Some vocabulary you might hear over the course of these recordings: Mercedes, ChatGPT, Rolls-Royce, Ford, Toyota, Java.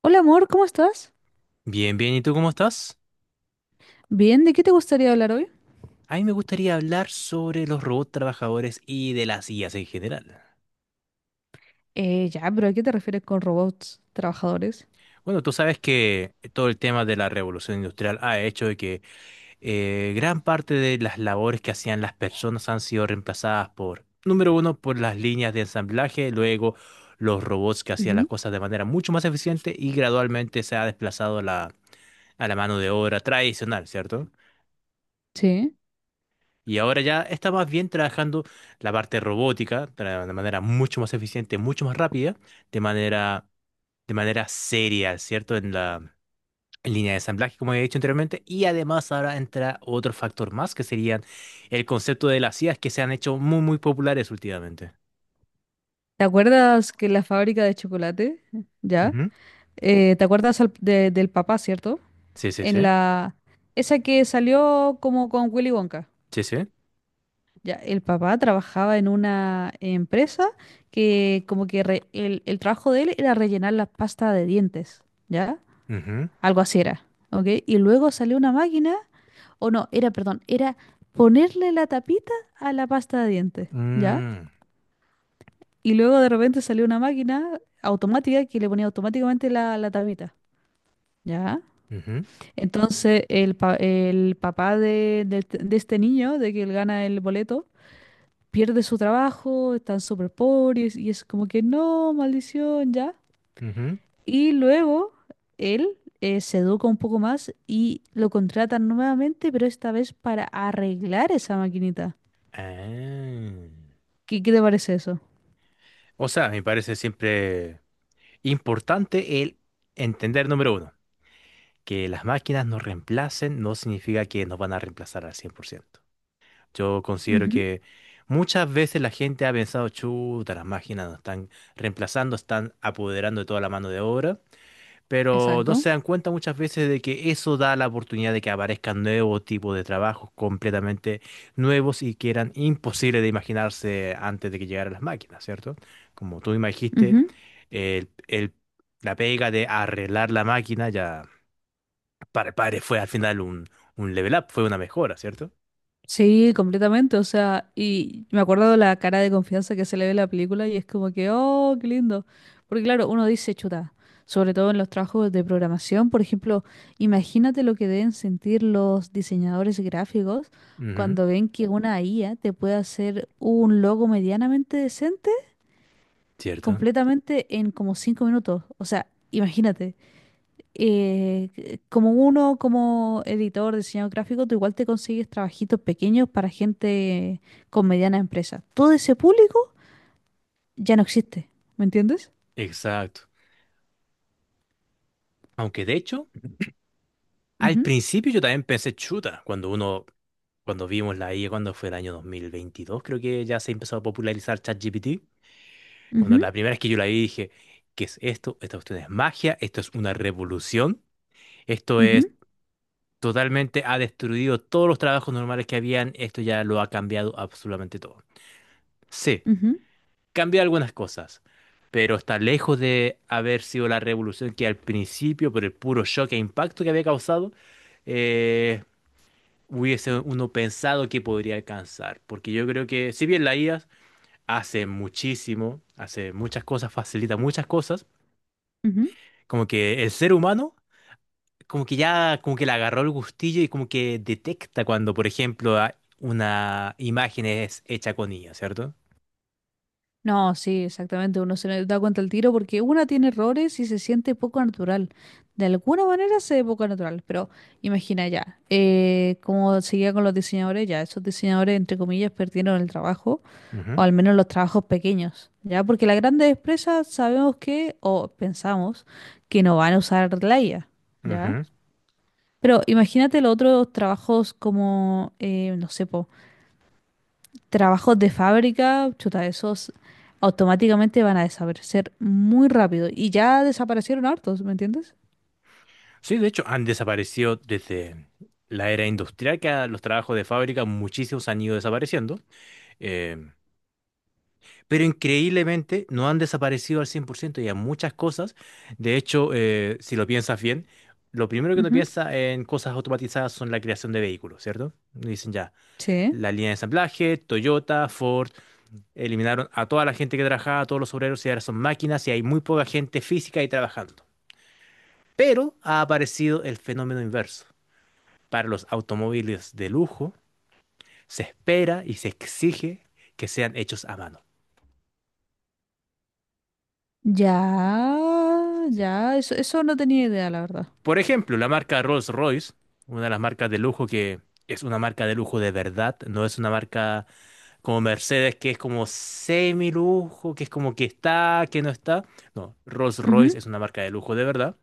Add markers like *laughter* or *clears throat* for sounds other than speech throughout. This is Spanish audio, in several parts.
Hola amor, ¿cómo estás? Bien, bien, ¿y tú cómo estás? Bien, ¿de qué te gustaría hablar hoy? A mí me gustaría hablar sobre los robots trabajadores y de las IAs en general. Ya, pero ¿a qué te refieres con robots trabajadores? Bueno, tú sabes que todo el tema de la revolución industrial ha hecho de que gran parte de las labores que hacían las personas han sido reemplazadas por, número uno, por las líneas de ensamblaje, luego los robots que hacían las Ujú. cosas de manera mucho más eficiente y gradualmente se ha desplazado a la mano de obra tradicional, ¿cierto? Sí. Y ahora ya está más bien trabajando la parte robótica de una manera mucho más eficiente, mucho más rápida, de manera, de manera seria, ¿cierto? En línea de ensamblaje, como he dicho anteriormente. Y además ahora entra otro factor más, que serían el concepto de las IAs que se han hecho muy, muy populares últimamente. ¿Te acuerdas que la fábrica de chocolate? Ya. Ujú. ¿Te acuerdas del papá, cierto? Sí, sí, En sí. la... Esa que salió como con Willy Wonka. Sí, sí. Ya, el papá trabajaba en una empresa que como que re- el trabajo de él era rellenar la pasta de dientes, ¿ya? Ujú. Algo así era, ¿ok? Y luego salió una máquina. O no, era, perdón, era ponerle la tapita a la pasta de dientes, ¿ya? Mm, Y luego de repente salió una máquina automática que le ponía automáticamente la tapita, ¿ya? ujú, Entonces el papá de este niño, de que él gana el boleto, pierde su trabajo, están súper pobres y es como que no, maldición, ¿ya? ujú. Y luego él se educa un poco más y lo contratan nuevamente, pero esta vez para arreglar esa maquinita. Ah. ¿Qué te parece eso? O sea, me parece siempre importante el entender, número uno. Que las máquinas nos reemplacen no significa que nos van a reemplazar al 100%. Yo considero Ujú. que muchas veces la gente ha pensado, chuta, las máquinas nos están reemplazando, están apoderando de toda la mano de obra, pero no Exacto. se dan cuenta muchas veces de que eso da la oportunidad de que aparezcan nuevos tipos de trabajos completamente nuevos y que eran imposibles de imaginarse antes de que llegaran las máquinas, ¿cierto? Como tú me dijiste, Ujú. el, el- la pega de arreglar la máquina ya para Padre fue al final un level up, fue una mejora, ¿cierto? Sí, completamente. O sea, y me acuerdo de la cara de confianza que se le ve en la película y es como que, oh, qué lindo. Porque claro, uno dice, chuta, sobre todo en los trabajos de programación, por ejemplo, imagínate lo que deben sentir los diseñadores gráficos Ujú, cuando ven que una IA te puede hacer un logo medianamente decente cierto. completamente en como 5 minutos. O sea, imagínate. eh, Como uno, como editor, diseñador gráfico, tú igual te consigues trabajitos pequeños para gente con mediana empresa. Todo ese público ya no existe, ¿me entiendes? Exacto. Aunque de hecho, al Ujú, principio yo también pensé chuta, cuando vimos la IA, cuando fue el año 2022, creo que ya se empezó a popularizar ChatGPT. Cuando ujú, la primera vez que yo la vi dije, ¿qué es esto? Esta cuestión es magia, esto es una revolución, esto ujú, es totalmente, ha destruido todos los trabajos normales que habían, esto ya lo ha cambiado absolutamente todo. Sí, ujú, cambió algunas cosas, pero está lejos de haber sido la revolución que al principio, por el puro shock e impacto que había causado, eh, hubiese uno pensado que podría alcanzar. Porque yo creo que, si bien la IA hace muchísimo, hace muchas cosas, facilita muchas cosas, ujú. como que el ser humano, como que ya, como que le agarró el gustillo y como que detecta cuando, por ejemplo, una imagen es hecha con IA, cierto. No, sí, exactamente, uno se da cuenta al tiro porque una tiene errores y se siente poco natural. De alguna manera se ve poco natural, pero imagina ya, como seguía con los diseñadores, ya esos diseñadores, entre comillas, perdieron el trabajo. O Ujú, al menos los trabajos pequeños, ¿ya? Porque las grandes empresas sabemos que, o pensamos, que no van a usar la IA, ¿ya? ujú. Pero imagínate los otros trabajos como, no sé, po, trabajos de fábrica, chuta, esos automáticamente van a desaparecer muy rápido. Y ya desaparecieron hartos, ¿me entiendes? Sí, de hecho, han desaparecido desde la era industrial, que a los trabajos de fábrica muchísimos han ido desapareciendo, eh, pero increíblemente no han desaparecido al 100% y hay muchas cosas. De hecho, si lo piensas bien, lo primero que uno Ujú. piensa en cosas automatizadas son la creación de vehículos, ¿cierto? Dicen ya, Sí. la línea de ensamblaje, Toyota, Ford, eliminaron a toda la gente que trabajaba, a todos los obreros, y ahora son máquinas y hay muy poca gente física ahí trabajando. Pero ha aparecido el fenómeno inverso. Para los automóviles de lujo, se espera y se exige que sean hechos a mano. Ya, Sí. ya, eso no tenía idea, la verdad. Por ejemplo, la marca Rolls-Royce, una de las marcas de lujo que es una marca de lujo de verdad, no es una marca como Mercedes que es como semi-lujo, que es como que está, que no está. No, Ujú. Rolls-Royce es una marca de lujo de verdad.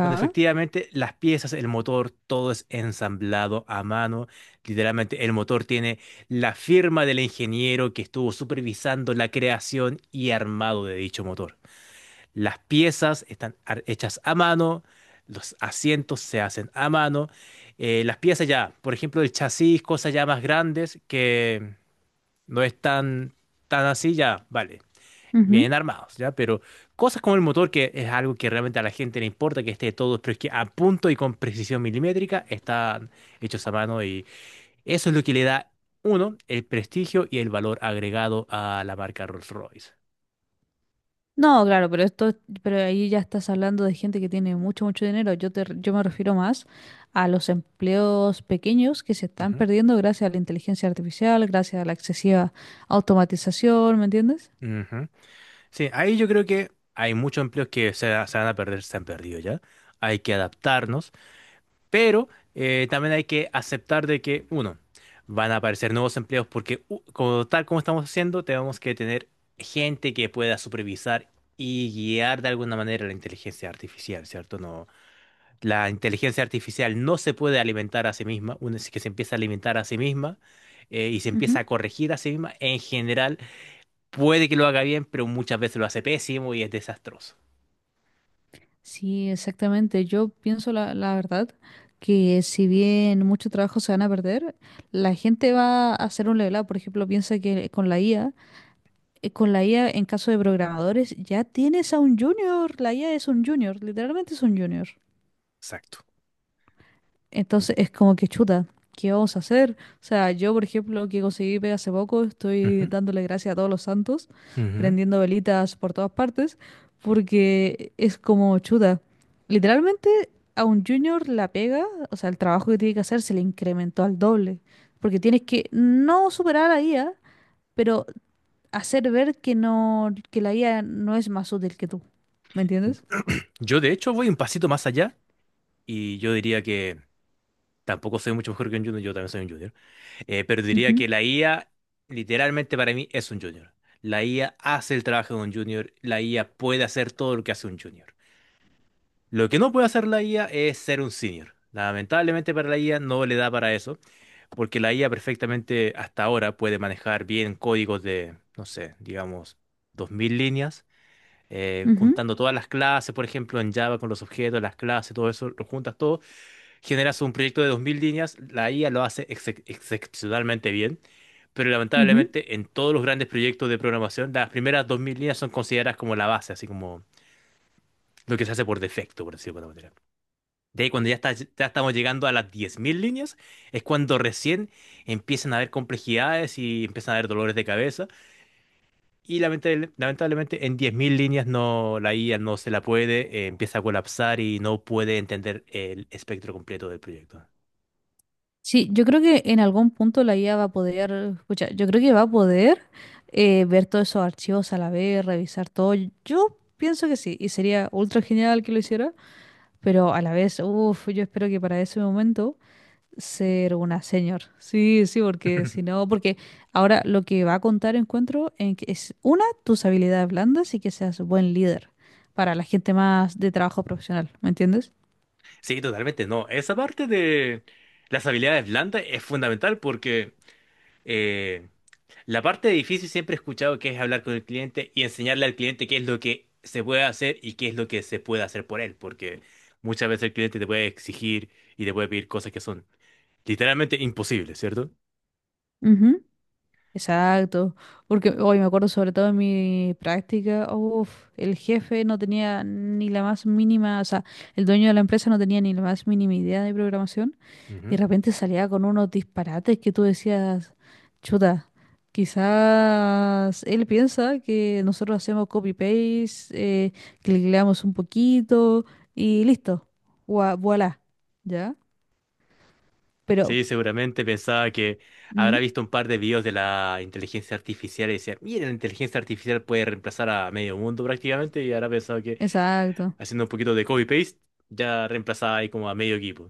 Donde efectivamente las piezas, el motor, todo es ensamblado a mano. Literalmente el motor tiene la firma del ingeniero que estuvo supervisando la creación y armado de dicho motor. Las piezas están hechas a mano, los asientos se hacen a mano. Las piezas ya, por ejemplo, el chasis, cosas ya más grandes que no es tan, tan así, ya, vale Ujú. vienen armados, ¿ya? Pero cosas como el motor, que es algo que realmente a la gente le importa que esté todo, pero es que a punto y con precisión milimétrica están hechos a mano y eso es lo que le da, uno, el prestigio y el valor agregado a la marca Rolls-Royce. No, claro, pero esto, pero ahí ya estás hablando de gente que tiene mucho, mucho dinero. Yo me refiero más a los empleos pequeños que se están Ujú, perdiendo gracias a la inteligencia artificial, gracias a la excesiva automatización, ¿me entiendes? ujú. Sí, ahí yo creo que hay muchos empleos que se van a perder, se han perdido ya. Hay que adaptarnos. Pero también hay que aceptar de que, uno, van a aparecer nuevos empleos porque, como, tal como estamos haciendo, tenemos que tener gente que pueda supervisar y guiar de alguna manera la inteligencia artificial, ¿cierto? No, la inteligencia artificial no se puede alimentar a sí misma. Una vez que se empieza a alimentar a sí misma y se empieza Ujú. a corregir a sí misma, en general puede que lo haga bien, pero muchas veces lo hace pésimo y es desastroso. Sí, exactamente. Yo pienso la verdad que si bien mucho trabajo se van a perder, la gente va a hacer un level up. Por ejemplo, piensa que con la IA, con la IA en caso de programadores, ya tienes a un junior. La IA es un junior, literalmente es un junior. Exacto. Entonces es como que chuta, ¿qué vamos a hacer? O sea, yo, por ejemplo, que conseguí pega hace poco, estoy Ujú, dándole gracias a todos los santos, ujú. prendiendo velitas por todas partes, porque es como chuta. Literalmente a un junior la pega, o sea, el trabajo que tiene que hacer se le incrementó al doble, porque tienes que no superar a la IA, pero hacer ver que no, que la IA no es más útil que tú. ¿Me entiendes? *clears throat* Yo de hecho voy un pasito más allá. Y yo diría que tampoco soy mucho mejor que un junior, yo también soy un junior. Pero diría Ujú, que la IA, literalmente para mí, es un junior. La IA hace el trabajo de un junior, la IA puede hacer todo lo que hace un junior. Lo que no puede hacer la IA es ser un senior. Lamentablemente para la IA no le da para eso, porque la IA perfectamente hasta ahora puede manejar bien códigos de, no sé, digamos, 2000 líneas, ujú, juntando todas las clases, por ejemplo, en Java con los objetos, las clases, todo eso, lo juntas todo, generas un proyecto de 2000 líneas, la IA lo hace excepcionalmente bien, pero ujú. lamentablemente en todos los grandes proyectos de programación, las primeras 2000 líneas son consideradas como la base, así como lo que se hace por defecto, por decirlo de alguna manera. De ahí cuando ya, ya estamos llegando a las 10.000 líneas, es cuando recién empiezan a haber complejidades y empiezan a haber dolores de cabeza. Y lamentablemente en 10.000 líneas no, la IA no se la puede, empieza a colapsar y no puede entender el espectro completo del proyecto. Sí, yo creo que en algún punto la IA va a poder, escucha, yo creo que va a poder ver todos esos archivos a la vez, revisar todo. Yo pienso que sí, y sería ultra genial que lo hiciera, pero a la vez, uff, yo espero que para ese momento ser una señor. Sí, sí, porque si *laughs* no, porque ahora lo que va a contar encuentro en que es una, tus habilidades blandas y que seas buen líder para la gente más de trabajo profesional, ¿me entiendes? Sí, totalmente, no. Esa parte de las habilidades blandas es fundamental porque eh, la parte difícil siempre he escuchado que es hablar con el cliente y enseñarle al cliente qué es lo que se puede hacer y qué es lo que se puede hacer por él, porque muchas veces el cliente te puede exigir y te puede pedir cosas que son literalmente imposibles, ¿cierto? Exacto, porque hoy me acuerdo sobre todo en mi práctica, uf, el jefe no tenía ni la más mínima, o sea, el dueño de la empresa no tenía ni la más mínima idea de programación y de Ujú. repente salía con unos disparates que tú decías, chuta, quizás él piensa que nosotros hacemos copy-paste, eh, cliqueamos un poquito y listo, voila, ¿ya? Pero, Sí, seguramente pensaba que mm, habrá visto un par de videos de la inteligencia artificial y decía, mira, la inteligencia artificial puede reemplazar a medio mundo prácticamente y habrá pensado que exacto. haciendo un poquito de copy-paste, ya reemplazaba ahí como a medio equipo.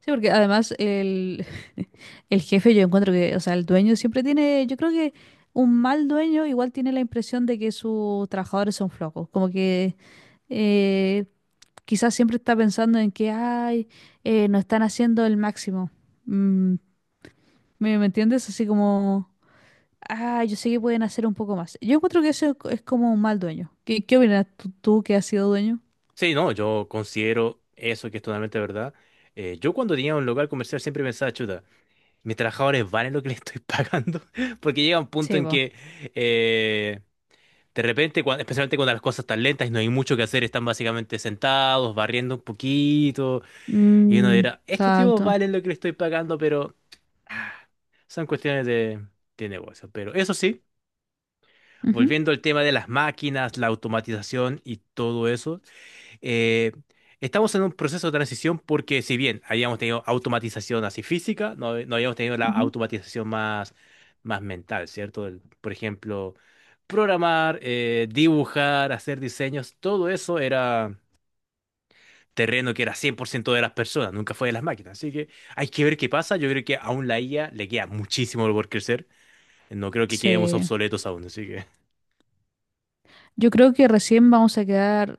Sí, porque además el, *laughs* el jefe yo encuentro que, o sea, el dueño siempre tiene, yo creo que un mal dueño igual tiene la impresión de que sus trabajadores son flojos, como que eh, quizás siempre está pensando en que, ay, no están haciendo el máximo. Mm, ¿me entiendes? Así como, ah, yo sé que pueden hacer un poco más. Yo encuentro que eso es, es como un mal dueño. ¿Qué opinas tú, tú que has sido dueño? Sí, no, yo considero eso que es totalmente verdad. Yo cuando tenía un local comercial siempre pensaba, chuta, mis trabajadores valen lo que les estoy *laughs* pagando, porque llega un punto Sí, en vos. que eh, de repente, especialmente cuando las cosas están lentas y no hay mucho que hacer, están básicamente sentados, barriendo un poquito, y uno Mm, dirá, estos tipos exacto. valen lo que les estoy pagando, pero ah, son cuestiones de negocio. Pero eso sí. Ujú, Volviendo al tema de las máquinas, la automatización y todo eso, eh, estamos en un proceso de transición porque si bien habíamos tenido automatización así física, no, no habíamos tenido la ujú. automatización más, más mental, ¿cierto? Por ejemplo, programar, dibujar, hacer diseños, todo eso era terreno que era 100% de las personas, nunca fue de las máquinas. Así que hay que ver qué pasa. Yo creo que aún la IA le queda muchísimo por crecer. No creo que quedemos Sí. obsoletos aún, así que... Yo creo que recién vamos a quedar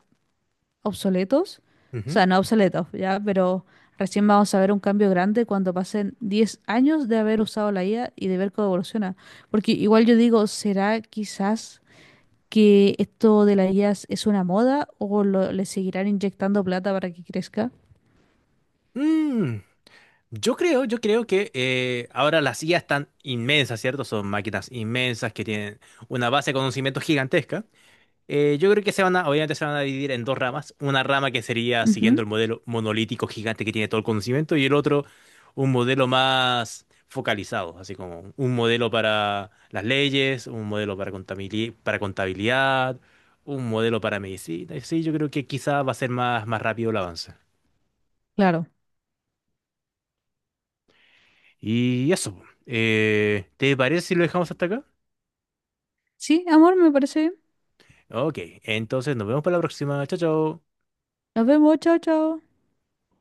obsoletos, o Ujú. sea, no obsoletos, ya, pero recién vamos a ver un cambio grande cuando pasen 10 años de haber usado la IA y de ver cómo evoluciona. Porque igual yo digo, ¿será quizás que esto de la IA es una moda o le seguirán inyectando plata para que crezca? Mm. Yo creo que ahora las IA están inmensas, ¿cierto? Son máquinas inmensas que tienen una base de conocimiento gigantesca. Yo creo que obviamente se van a dividir en dos ramas. Una rama que sería siguiendo Ujú. el modelo monolítico gigante que tiene todo el conocimiento y el otro un modelo más focalizado, así como un modelo para las leyes, un modelo para para contabilidad, un modelo para medicina. Sí, yo creo que quizá va a ser más, más rápido el avance. Claro. Y eso. ¿Te parece si lo dejamos hasta acá? Sí, amor, me parece bien. Ok, entonces nos vemos para la próxima. Chao, chao. Nos vemos, chao, chao.